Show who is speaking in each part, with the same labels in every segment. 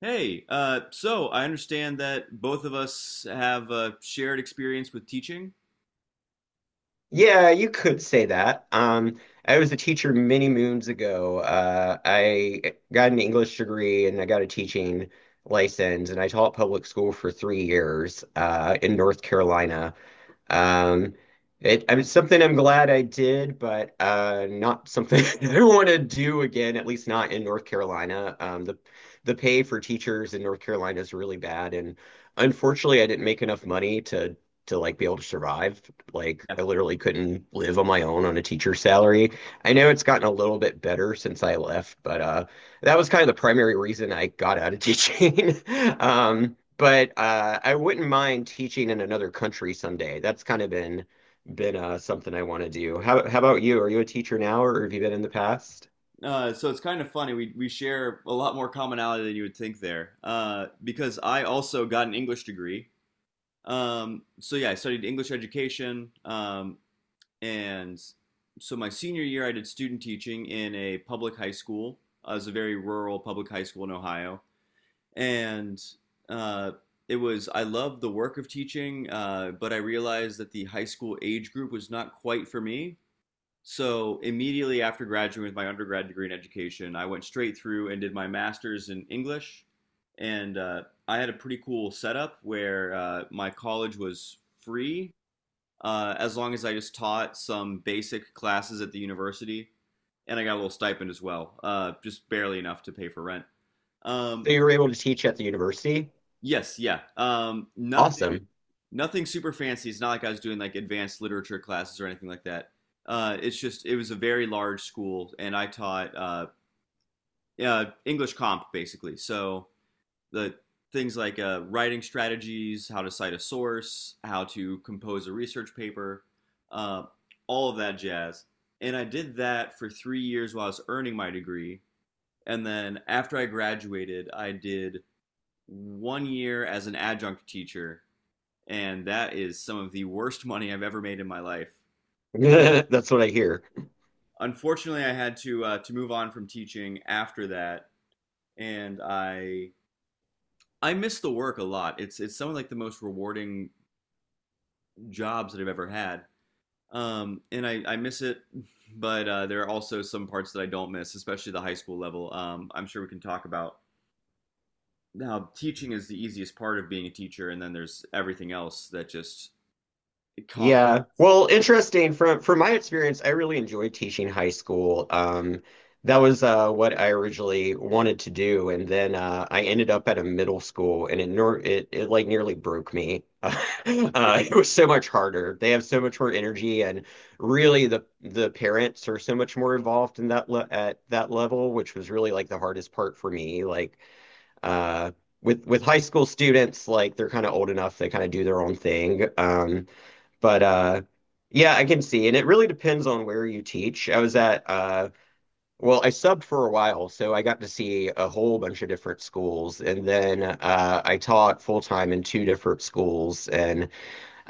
Speaker 1: Hey, so I understand that both of us have a shared experience with teaching.
Speaker 2: Yeah, you could say that. I was a teacher many moons ago. I got an English degree and I got a teaching license, and I taught public school for 3 years in North Carolina. Um, I mean, something I'm glad I did, but not something I want to do again, at least not in North Carolina. The pay for teachers in North Carolina is really bad, and unfortunately, I didn't make enough money to like be able to survive. Like,
Speaker 1: Yeah.
Speaker 2: I literally couldn't live on my own on a teacher's salary. I know it's gotten a little bit better since I left, but that was kind of the primary reason I got out of teaching. But I wouldn't mind teaching in another country someday. That's kind of been something I want to do. How about you? Are you a teacher now, or have you been in the past?
Speaker 1: So it's kind of funny. We share a lot more commonality than you would think there, because I also got an English degree. So yeah, I studied English education, and so my senior year I did student teaching in a public high school. It was a very rural public high school in Ohio, and uh, it was I loved the work of teaching, but I realized that the high school age group was not quite for me. So immediately after graduating with my undergrad degree in education, I went straight through and did my master's in English, and I had a pretty cool setup where my college was free as long as I just taught some basic classes at the university, and I got a little stipend as well, just barely enough to pay for rent.
Speaker 2: So
Speaker 1: Um,
Speaker 2: you were able to teach at the university?
Speaker 1: Yes, yeah.
Speaker 2: Awesome.
Speaker 1: Nothing super fancy. It's not like I was doing like advanced literature classes or anything like that. It's just it was a very large school, and I taught English comp basically. So the things like writing strategies, how to cite a source, how to compose a research paper, uh, all of that jazz. And I did that for 3 years while I was earning my degree. And then after I graduated, I did 1 year as an adjunct teacher, and that is some of the worst money I've ever made in my life.
Speaker 2: That's what I hear.
Speaker 1: Unfortunately, I had to move on from teaching after that, and I miss the work a lot. It's some of like the most rewarding jobs that I've ever had, and I miss it. But there are also some parts that I don't miss, especially the high school level. I'm sure we can talk about now. Teaching is the easiest part of being a teacher, and then there's everything else that just it com-
Speaker 2: Yeah. Well, interesting. From my experience, I really enjoyed teaching high school. That was what I originally wanted to do, and then I ended up at a middle school, and it nor it, it like nearly broke me.
Speaker 1: yeah.
Speaker 2: It was so much harder. They have so much more energy, and really the parents are so much more involved in that le at that level, which was really like the hardest part for me. Like uh, with high school students, like they're kind of old enough, they kind of do their own thing. But Yeah, I can see. And it really depends on where you teach. I was at well, I subbed for a while, so I got to see a whole bunch of different schools. And then I taught full time in two different schools. And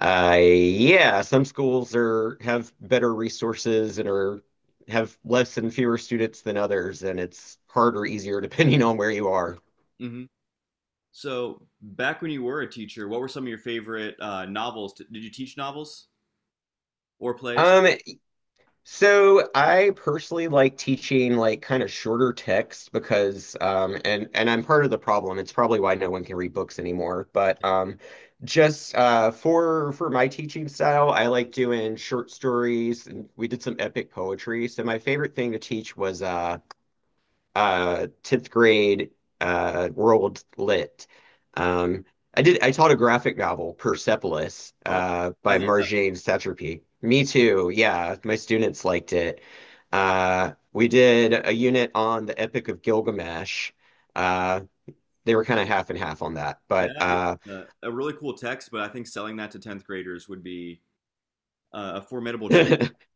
Speaker 2: yeah, some schools are have better resources and are have less and fewer students than others, and it's harder, easier depending on where you are.
Speaker 1: Hmm. So, back when you were a teacher, what were some of your favorite novels? Did you teach novels or plays?
Speaker 2: Um, So I personally like teaching like kind of shorter text because and I'm part of the problem. It's probably why no one can read books anymore. But just for my teaching style, I like doing short stories and we did some epic poetry. So my favorite thing to teach was 10th grade world lit. Um, I did. I taught a graphic novel, Persepolis,
Speaker 1: Oh, I
Speaker 2: by
Speaker 1: love that book.
Speaker 2: Marjane Satrapi. Me too. Yeah, my students liked it. We did a unit on the Epic of Gilgamesh. Uh, they were kind of half and half on that, but
Speaker 1: That is a really cool text, but I think selling that to 10th graders would be a formidable challenge.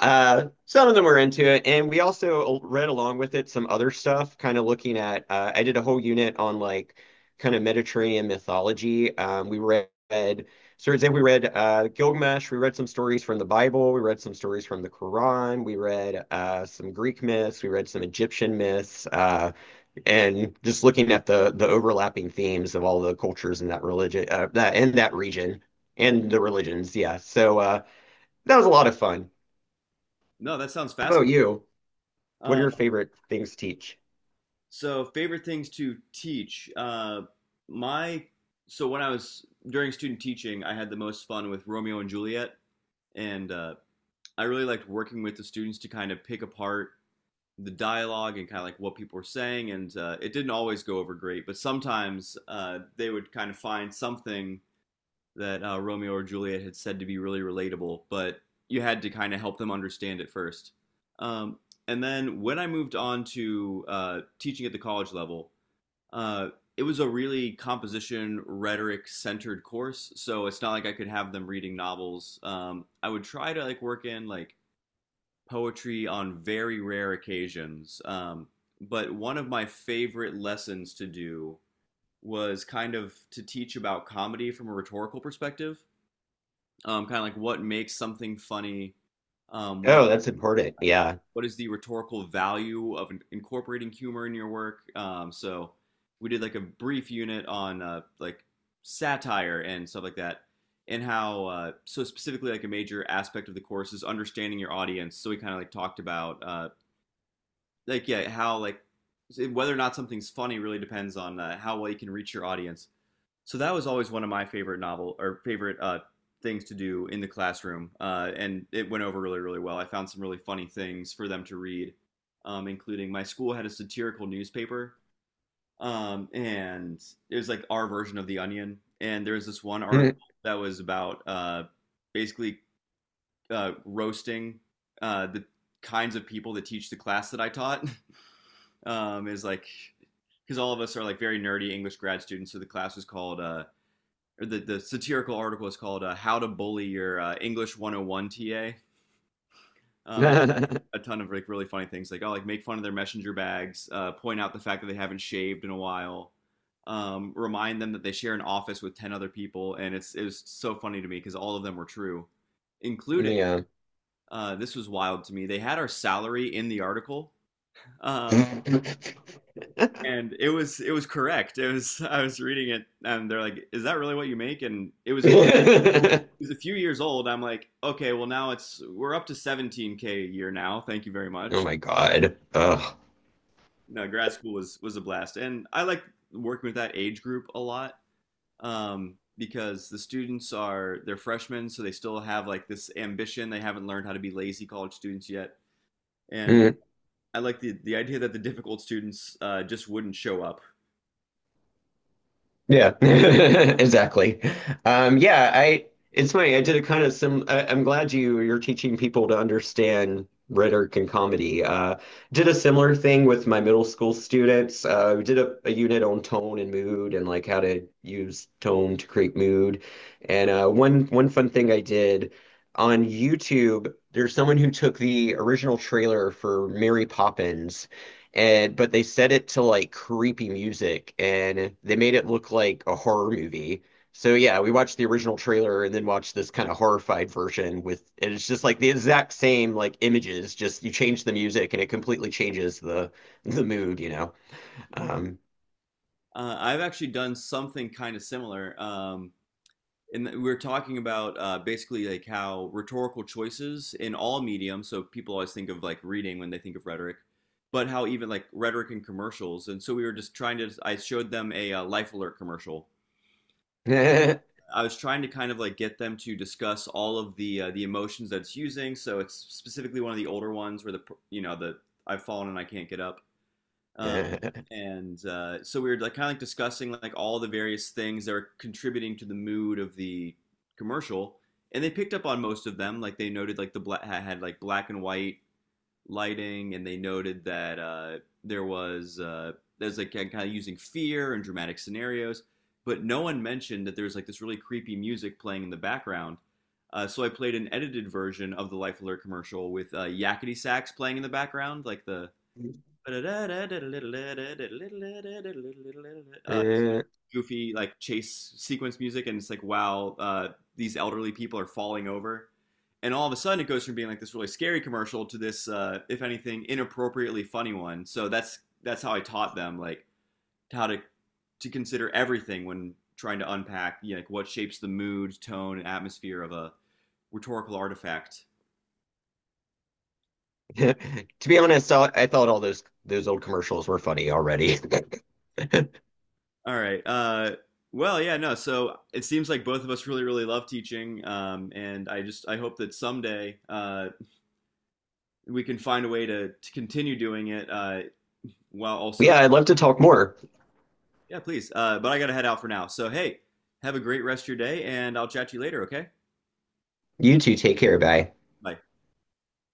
Speaker 2: Some of them were into it, and we also read along with it some other stuff, kind of looking at. I did a whole unit on like kind of Mediterranean mythology. We read, so for example, we read Gilgamesh. We read some stories from the Bible. We read some stories from the Quran. We read some Greek myths. We read some Egyptian myths, and just looking at the overlapping themes of all the cultures in that religion, that in that region, and the religions. Yeah, that was a lot of fun.
Speaker 1: No, that sounds
Speaker 2: How about
Speaker 1: fascinating.
Speaker 2: you? What
Speaker 1: Uh,
Speaker 2: are your favorite things to teach?
Speaker 1: favorite things to teach. My so when I was during student teaching, I had the most fun with Romeo and Juliet, and I really liked working with the students to kind of pick apart the dialogue and kind of like what people were saying, and it didn't always go over great. But sometimes they would kind of find something that Romeo or Juliet had said to be really relatable, but you had to kind of help them understand it first. Um, and then when I moved on to teaching at the college level, uh, it was a really composition rhetoric centered course. So it's not like I could have them reading novels. I would try to like work in like poetry on very rare occasions. But one of my favorite lessons to do was kind of to teach about comedy from a rhetorical perspective, kind of like what makes something funny, um, what
Speaker 2: Oh, that's important. Yeah.
Speaker 1: what is the rhetorical value of incorporating humor in your work. So we did like a brief unit on like satire and stuff like that, and how so specifically like a major aspect of the course is understanding your audience. So we kind of like talked about like yeah, how like whether or not something's funny really depends on how well you can reach your audience. So that was always one of my favorite novel or favorite things to do in the classroom, and it went over really really well. I found some really funny things for them to read, including my school had a satirical newspaper, and it was like our version of the Onion. And there was this one article that was about basically roasting the kinds of people that teach the class that I taught. Is like because all of us are like very nerdy English grad students. So the class was called or the satirical article is called "How to Bully Your English 101 TA." And a ton of like really funny things like oh like make fun of their messenger bags, point out the fact that they haven't shaved in a while. Remind them that they share an office with 10 other people, and it was so funny to me because all of them were true, including
Speaker 2: Yeah.
Speaker 1: this was wild to me they had our salary in the article,
Speaker 2: Oh
Speaker 1: um, and it was correct. It was I was reading it, and they're like, "Is that really what you make?" And it was a few years old. I'm like, okay, well now it's we're up to 17K a year now. Thank you very much.
Speaker 2: my God. Ugh.
Speaker 1: No, grad school was a blast, and I like working with that age group a lot, because the students are they're freshmen, so they still have like this ambition. They haven't learned how to be lazy college students yet, and I like the idea that the difficult students just wouldn't show up.
Speaker 2: Yeah, exactly. Yeah, I It's funny. I did a kind of sim. I'm glad you're teaching people to understand rhetoric and comedy. Did a similar thing with my middle school students. We did a unit on tone and mood and like how to use tone to create mood. And one fun thing I did on YouTube, there's someone who took the original trailer for Mary Poppins and but they set it to like creepy music and they made it look like a horror movie. So yeah, we watched the original trailer and then watched this kind of horrified version with and it's just like the exact same like images, just you change the music and it completely changes the mood, you know.
Speaker 1: Mhm.
Speaker 2: Um
Speaker 1: I've actually done something kind of similar. And we were talking about basically like how rhetorical choices in all mediums, so people always think of like reading when they think of rhetoric, but how even like rhetoric in commercials. And so we were just trying to, I showed them a Life Alert commercial. I was trying to kind of like get them to discuss all of the emotions that it's using. So it's specifically one of the older ones where the you know the I've fallen and I can't get up. Uh, and so we were like kind of like discussing like all the various things that are contributing to the mood of the commercial, and they picked up on most of them. Like they noted like the black had like black and white lighting, and they noted that there was uh, there's like kind of using fear and dramatic scenarios, but no one mentioned that there's like this really creepy music playing in the background. So I played an edited version of the Life Alert commercial with Yakety Sax playing in the background, like the. Uh,
Speaker 2: Uh,
Speaker 1: goofy like chase sequence music, and it's like, wow, these elderly people are falling over. And all of a sudden, it goes from being like this really scary commercial to this, if anything, inappropriately funny one. So that's how I taught them like how to consider everything when trying to unpack you know, like what shapes the mood, tone, and atmosphere of a rhetorical artifact.
Speaker 2: to be honest, I thought all those old commercials were funny already.
Speaker 1: All right. Well, yeah, no. So it seems like both of us really, really love teaching, and I just I hope that someday we can find a way to continue doing it while also,
Speaker 2: Yeah, I'd love to talk more.
Speaker 1: yeah, please. But I got to head out for now. So, hey, have a great rest of your day, and I'll chat to you later, okay?
Speaker 2: You two take care, bye.
Speaker 1: Bye.